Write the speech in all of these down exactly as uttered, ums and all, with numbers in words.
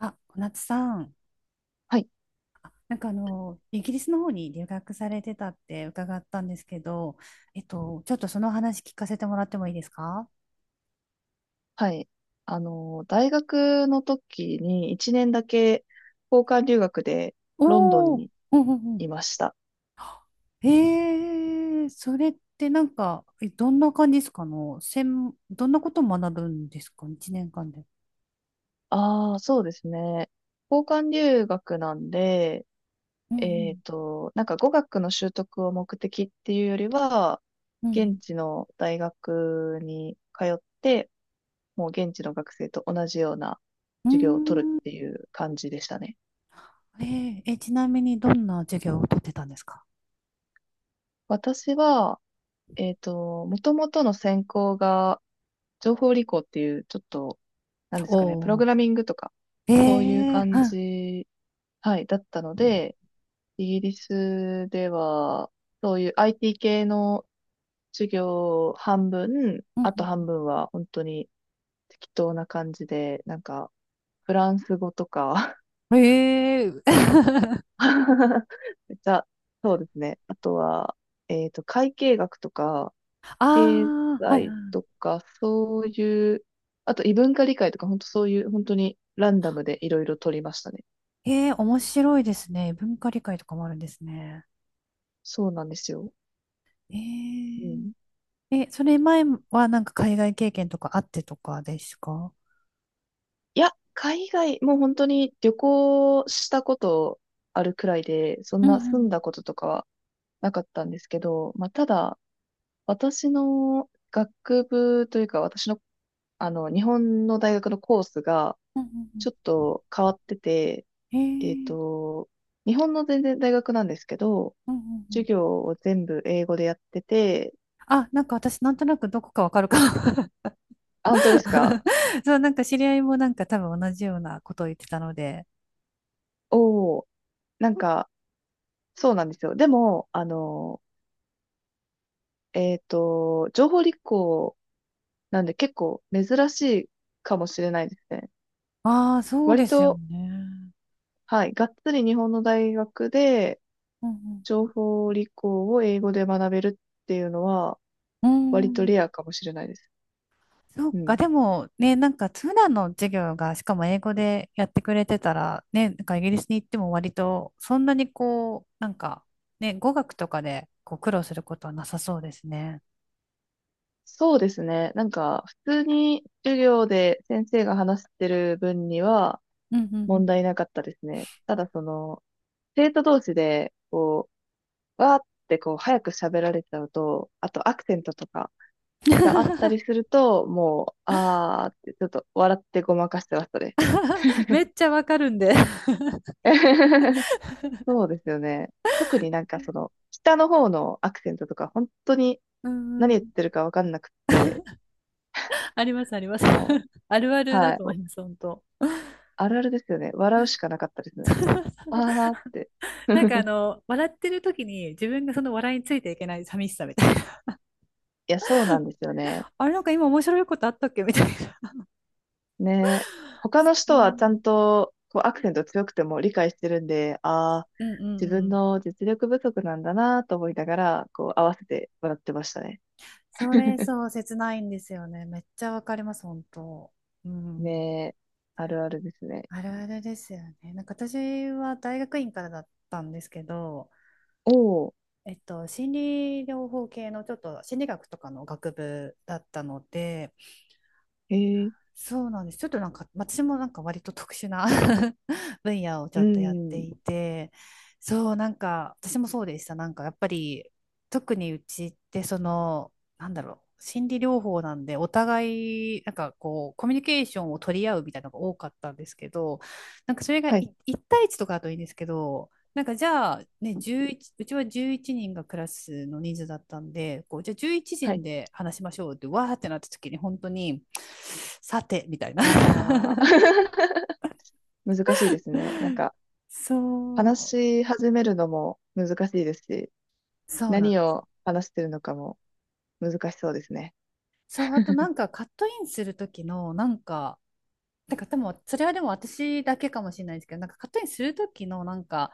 あ、小夏さん、はい、なんかあの、イギリスの方に留学されてたって伺ったんですけど、えっと、ちょっとその話聞かせてもらってもいいですか？はい。あの、大学の時にいちねんだけ交換留学でロンドンおおー、にうんうんういん。ました。へえ、それってなんか、えどんな感じですかの、専どんなことを学ぶんですか、いちねんかんで。ああ、そうですね。交換留学なんで、うえっんと、なんか語学の習得を目的っていうよりは、うん。う現ん地の大学に通って、もう現地の学生と同じようなう授業を取るん。っていう感じでしたね。うーん。えー、え、ちなみにどんな授業をとってたんですか？私は、えっと、もともとの専攻が情報理工っていう、ちょっと、なんでおすかね、プログおラミングとか、ー、えそういうえ、感はい。じ、はい、だったので、イギリスでは、そういう アイティー 系の授業半分、うあとん半分は本当に適当な感じで、なんか、フランス語とか うんええ、 めっちゃ、そうですね。あとは、えっと、会計学とか、あ経あ、はいは済い。とか、そういう、あと異文化理解とか、本当そういう、本当にランダムでいろいろ取りましたね。ええ、面白いですね。文化理解とかもあるんですね。そうなんですよ。えうん。え、え、それ前はなんか海外経験とかあってとかですか？いや、海外、もう本当に旅行したことあるくらいで、そんうんうな住んだんこととかはなかったんですけど、まあ、ただ、私の学部というか、私の、あの、日本の大学のコースが、うちんょっうと変わってて、んえええっー、と、日本の全然大学なんですけど、うんうんう授ん。業を全部英語でやってて。あ、なんか私なんとなくどこかわかるかも。 あ、本当ですか？ そう、なんか知り合いもなんか多分同じようなことを言ってたので。おおー。なんか、そうなんですよ。でも、あの、えっと、情報立候なんで結構珍しいかもしれないですね。ああ、そう割ですよと、ね。はい、がっつり日本の大学でうん情報理工を英語で学べるっていうのはうん。う割とレアん。かもしれないです。そううか、ん。でもね、なんか普段の授業がしかも英語でやってくれてたら、ね、なんかイギリスに行っても割とそんなにこう、なんか、ね、語学とかでこう苦労することはなさそうですね。そうですね。なんか、普通に授業で先生が話してる分にはうんうんう問ん。題なかったですね。ただその、生徒同士で、こう、わーってこう、早く喋られちゃうと、あとアクセントとか、があったり すると、もう、あーって、ちょっと笑ってごまかしてましたね。めっちゃわかるんで。そうですよね。特になんかその、下の方のアクセントとか、本当にうんう何言っん。てるかわかんなくって、ありますあります。も あるあう、るだはい、と思います、本当。あるあるですよね。笑うしかなかったですね。あーって。なんかあ の、笑ってる時に自分がその笑いについていけない寂しさみたいな。いや、そうなんですよ ね。あれなんか今面白いことあったっけみたいね。他の人な。はうちゃんんと、こう、アクセント強くても理解してるんで、あー、うんうん自う分ん。の実力不足なんだなと思いながら、こう、合わせて笑ってましたね。それそう、切ないんですよね。めっちゃわかります、本当。うん。ねえ、あるあるですね。あるあるですよね。なんか私は大学院からだったんですけど、おえっと、心理療法系のちょっと心理学とかの学部だったので、ーへえ、そうなんです。ちょっとなんか、私もなんか割と特殊な 分野をちうょっとやってん、いて、そう、なんか、私もそうでした。なんか、やっぱり、特にうちって、その、なんだろう、心理療法なんで、お互い、なんかこう、コミュニケーションを取り合うみたいなのが多かったんですけど、なんかそれがはいい、一対一とかだといいんですけど、なんかじゃあ、ね、じゅういち、うちはじゅういちにんがクラスの人数だったんで、こう、じゃあ11は人い、で話しましょうって、わーってなった時に、本当に、さて、みたいな。ああ。難しいですね。なんか、話そう、し始めるのも難しいですし、そうなん。何を話してるのかも難しそうですね。そう、あとなんかカットインする時の、なんか、だからでも、それはでも私だけかもしれないですけど、なんかカットインする時のなんか、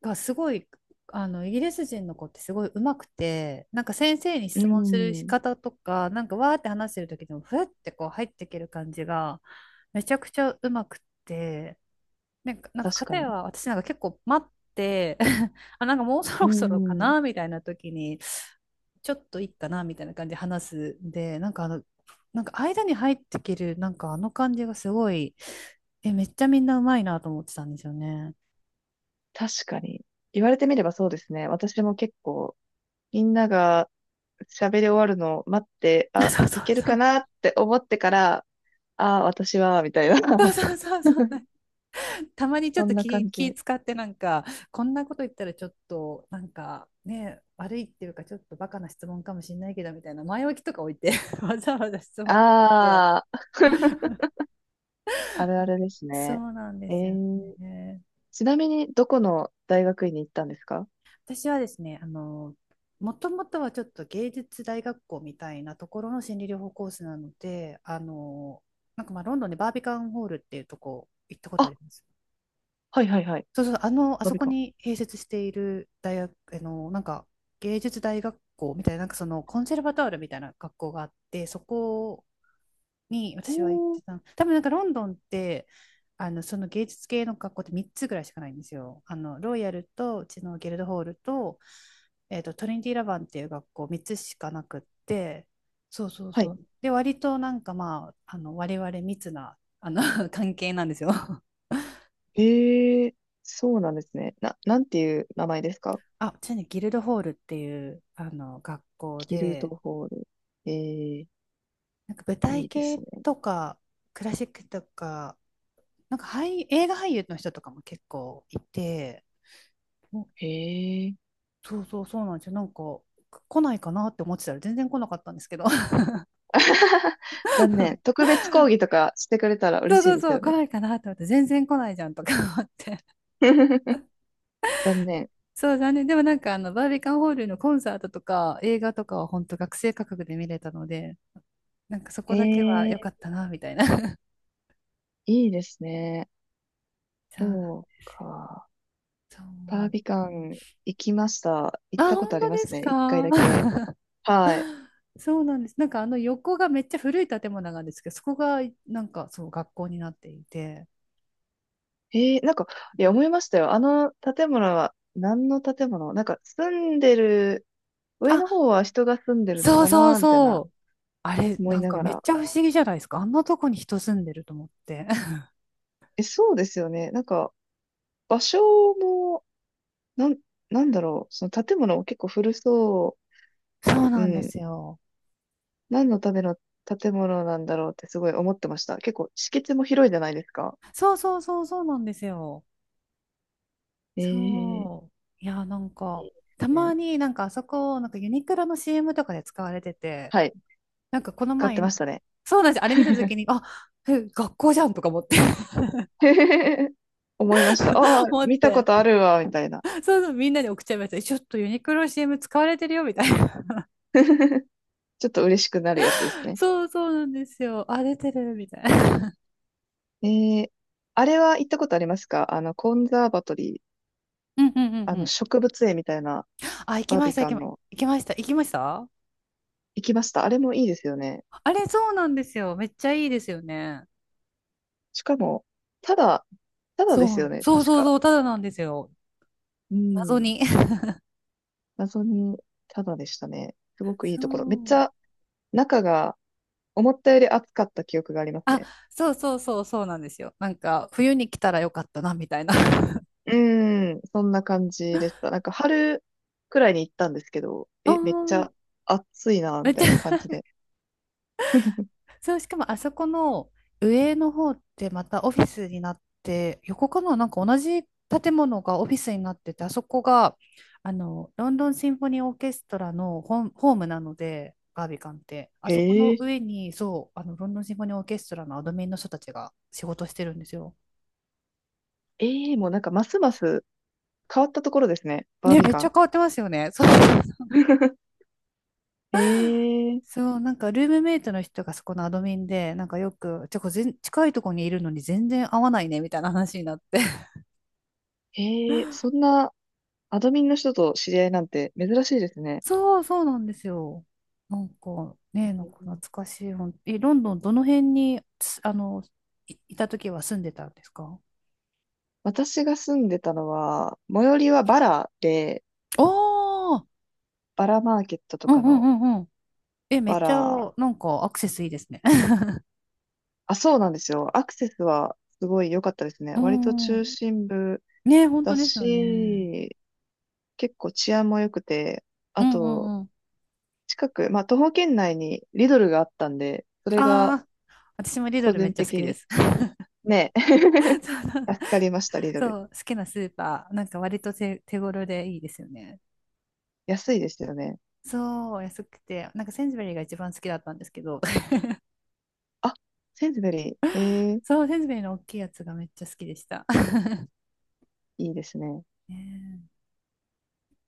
がすごい、あの、イギリス人の子ってすごい上手くて、なんか先生にう質問する仕ん、方とか、なんかわーって話してる時でも、ふってこう入っていける感じが、めちゃくちゃ上手くて、なんか、なんか確か片に。や私なんか結構待って。 あ、なんかもうそうろそろかん、なみたいな時に、ちょっといいかなみたいな感じで話すんで、なんかあの、なんか間に入ってきる、なんかあの感じがすごい、え、めっちゃみんなうまいなと思ってたんですよね。確かに。言われてみればそうですね。私も結構、みんなが喋り終わるのを待って、あ、そうそいうけるそかう。なって思ってから、ああ、私は、みたいそうな。そうそうそう。たまにちょっそとんな気、感気じ。使ってなんか、こんなこと言ったらちょっと、なんかね、悪いっていうか、ちょっとバカな質問かもしれないけど、みたいな前置きとか置いて わざわざ質問とかして、ああ。あるあるですそね。うなんでえすよー、ね。ちなみに、どこの大学院に行ったんですか？私はですね、あの、もともとはちょっと芸術大学校みたいなところの心理療法コースなので、あの、なんかまあロンドンでバービカンホールっていうとこ行ったことああ、ります。はいはいはい。そうそう、あの、あ飛そビこ込に併設している大学、あの、なんか芸術大学校みたいな、なんかそのコンセルバトールみたいな学校があって、そこに私は行っおてー、たの。多分なんかロンドンってあのその芸術系の学校ってみっつぐらいしかないんですよ。あのロイヤルとうちのギルドホールと、えーとトリニティ・ラバンっていう学校みっつしかなくって、そうそうはそい。うで割となんかまああの我々密なあの 関係なんですよ。えー、そうなんですね。な、なんていう名前ですか？あ、ちなみにギルドホールっていうあの学校キルトで、ホール。えー、なんか舞い台いです系ね。とかクラシックとか、なんか俳映画俳優の人とかも結構いて。もへえ。そうそうそうなんですよ。なんか来ないかなって思ってたら全然来なかったんですけど。 残念。特別講義とかしてくれたらそ嬉うしいそうですそよう来ね。ないかなって思って全然来ないじゃんとか思って。 残念。そう、残念でもなんかあのバービカンホールのコンサートとか映画とかは本当学生価格で見れたので、なんかそこへだけは良かえ、ったなみたいな。 いいですね。そうそうか。そバーう、ビカン行きました。行あ、ったこと本あり当まですすね。いっかいか？ だ け。はい。そうなんです、なんかあの横がめっちゃ古い建物なんですけど、そこがなんかそう学校になっていて、えー、なんか、いや、思いましたよ。あの建物は、何の建物なんか、住んでる、上のあ、方は人が住んでるのそうかそうなみたいそな、う。あれ、思いなんなかがめっら。ちゃ不思議じゃないですか。あんなとこに人住んでると思って。え、そうですよね。なんか、場所も、なん、なんだろう。その建物も結構古そそうう。うなんでん。すよ。何のための建物なんだろうってすごい思ってました。結構、敷地も広いじゃないですか。そうそうそうそうなんですよ。えー、いいでそう。いや、なんか、たすね、まになんかあそこ、なんかユニクロの シーエム とかで使われてて、はい。なんかこの使ってま前、したね。そうなんです。あれ見たとき に、あ、え、学校じゃんとか思って。 思いました。ああ、思っ見たこて、とあるわ、みたいな。そうそう、みんなに送っちゃいました。えちょっとユニクロ シーエム 使われてるよみたいな。ちょっと嬉しくなるやつです ね。そうそうなんですよ。あ、出てるみたいな。えー、あれは行ったことありますか？あの、コンザーバトリー、うんうんあうの、ん、植物園みたいなあ、行きバーまビした、行カきンま、の。行きました、行きました。行きました。あれもいいですよね。あれ、そうなんですよ。めっちゃいいですよね。しかも、ただ、ただでそすよう、ね、そう確そうか。そう、ただなんですよ。う謎ん。に。謎に、ただでしたね。す ごくいいそところ。めっちう。ゃ、中が、思ったより暑かった記憶がありますあ、ね。そうそうそう、そうなんですよ。なんか、冬に来たらよかったな、みたいな。うん、そんな感じでした。なんか春くらいに行ったんですけど、あ、え、めっちゃ暑いな、めみったちいなゃ、感じで。そう、しかもあそこの上の方ってまたオフィスになって、横かな、なんか同じ建物がオフィスになってて、あそこがあのロンドンシンフォニーオーケストラのホーム、ホームなので、バービカンって、あそこへのえ、上に、そう、あのロンドンシンフォニーオーケストラのアドミンの人たちが仕事してるんですよ。ええ、もうなんかますます変わったところですね、バーね、ビめっカちゃン。変わってますよね。そう、へえ、そう、なんかルームメイトの人がそこのアドミンで、なんかよく、てか全近いとこにいるのに全然合わないねみたいな話になって。へえ、そんなアドミンの人と知り合いなんて珍しいですね。そう、そうなんですよ。なんかね、なんうか懐ん、かしい。ほんえ、ロンドンどの辺に、つあの、い、いた時は住んでたんですか？私が住んでたのは、最寄りはバラで、おー、バラマーケットとうかんうんのうんうん。え、めっバちゃ、ラ、なんかアクセスいいですね。あ、そうなんですよ。アクセスはすごい良かったですね。う割とん。中心部ね、本だ当ですよね。し、結構治安も良くて、うあんうと、んうん。近く、まあ、徒歩圏内にリドルがあったんで、それがああ、私もリド個ルめっ人ちゃ好的きでに、す。ね。そうそう、助かりました、リドル。そう好きなスーパー、なんか割と手、手頃でいいですよね。安いですよね。そう、安くて、なんかセンズベリーが一番好きだったんですけど、あ、センズベリー。ええ、そう、せんべいの大きいやつがめっちゃ好きでした。いいですね。ねえ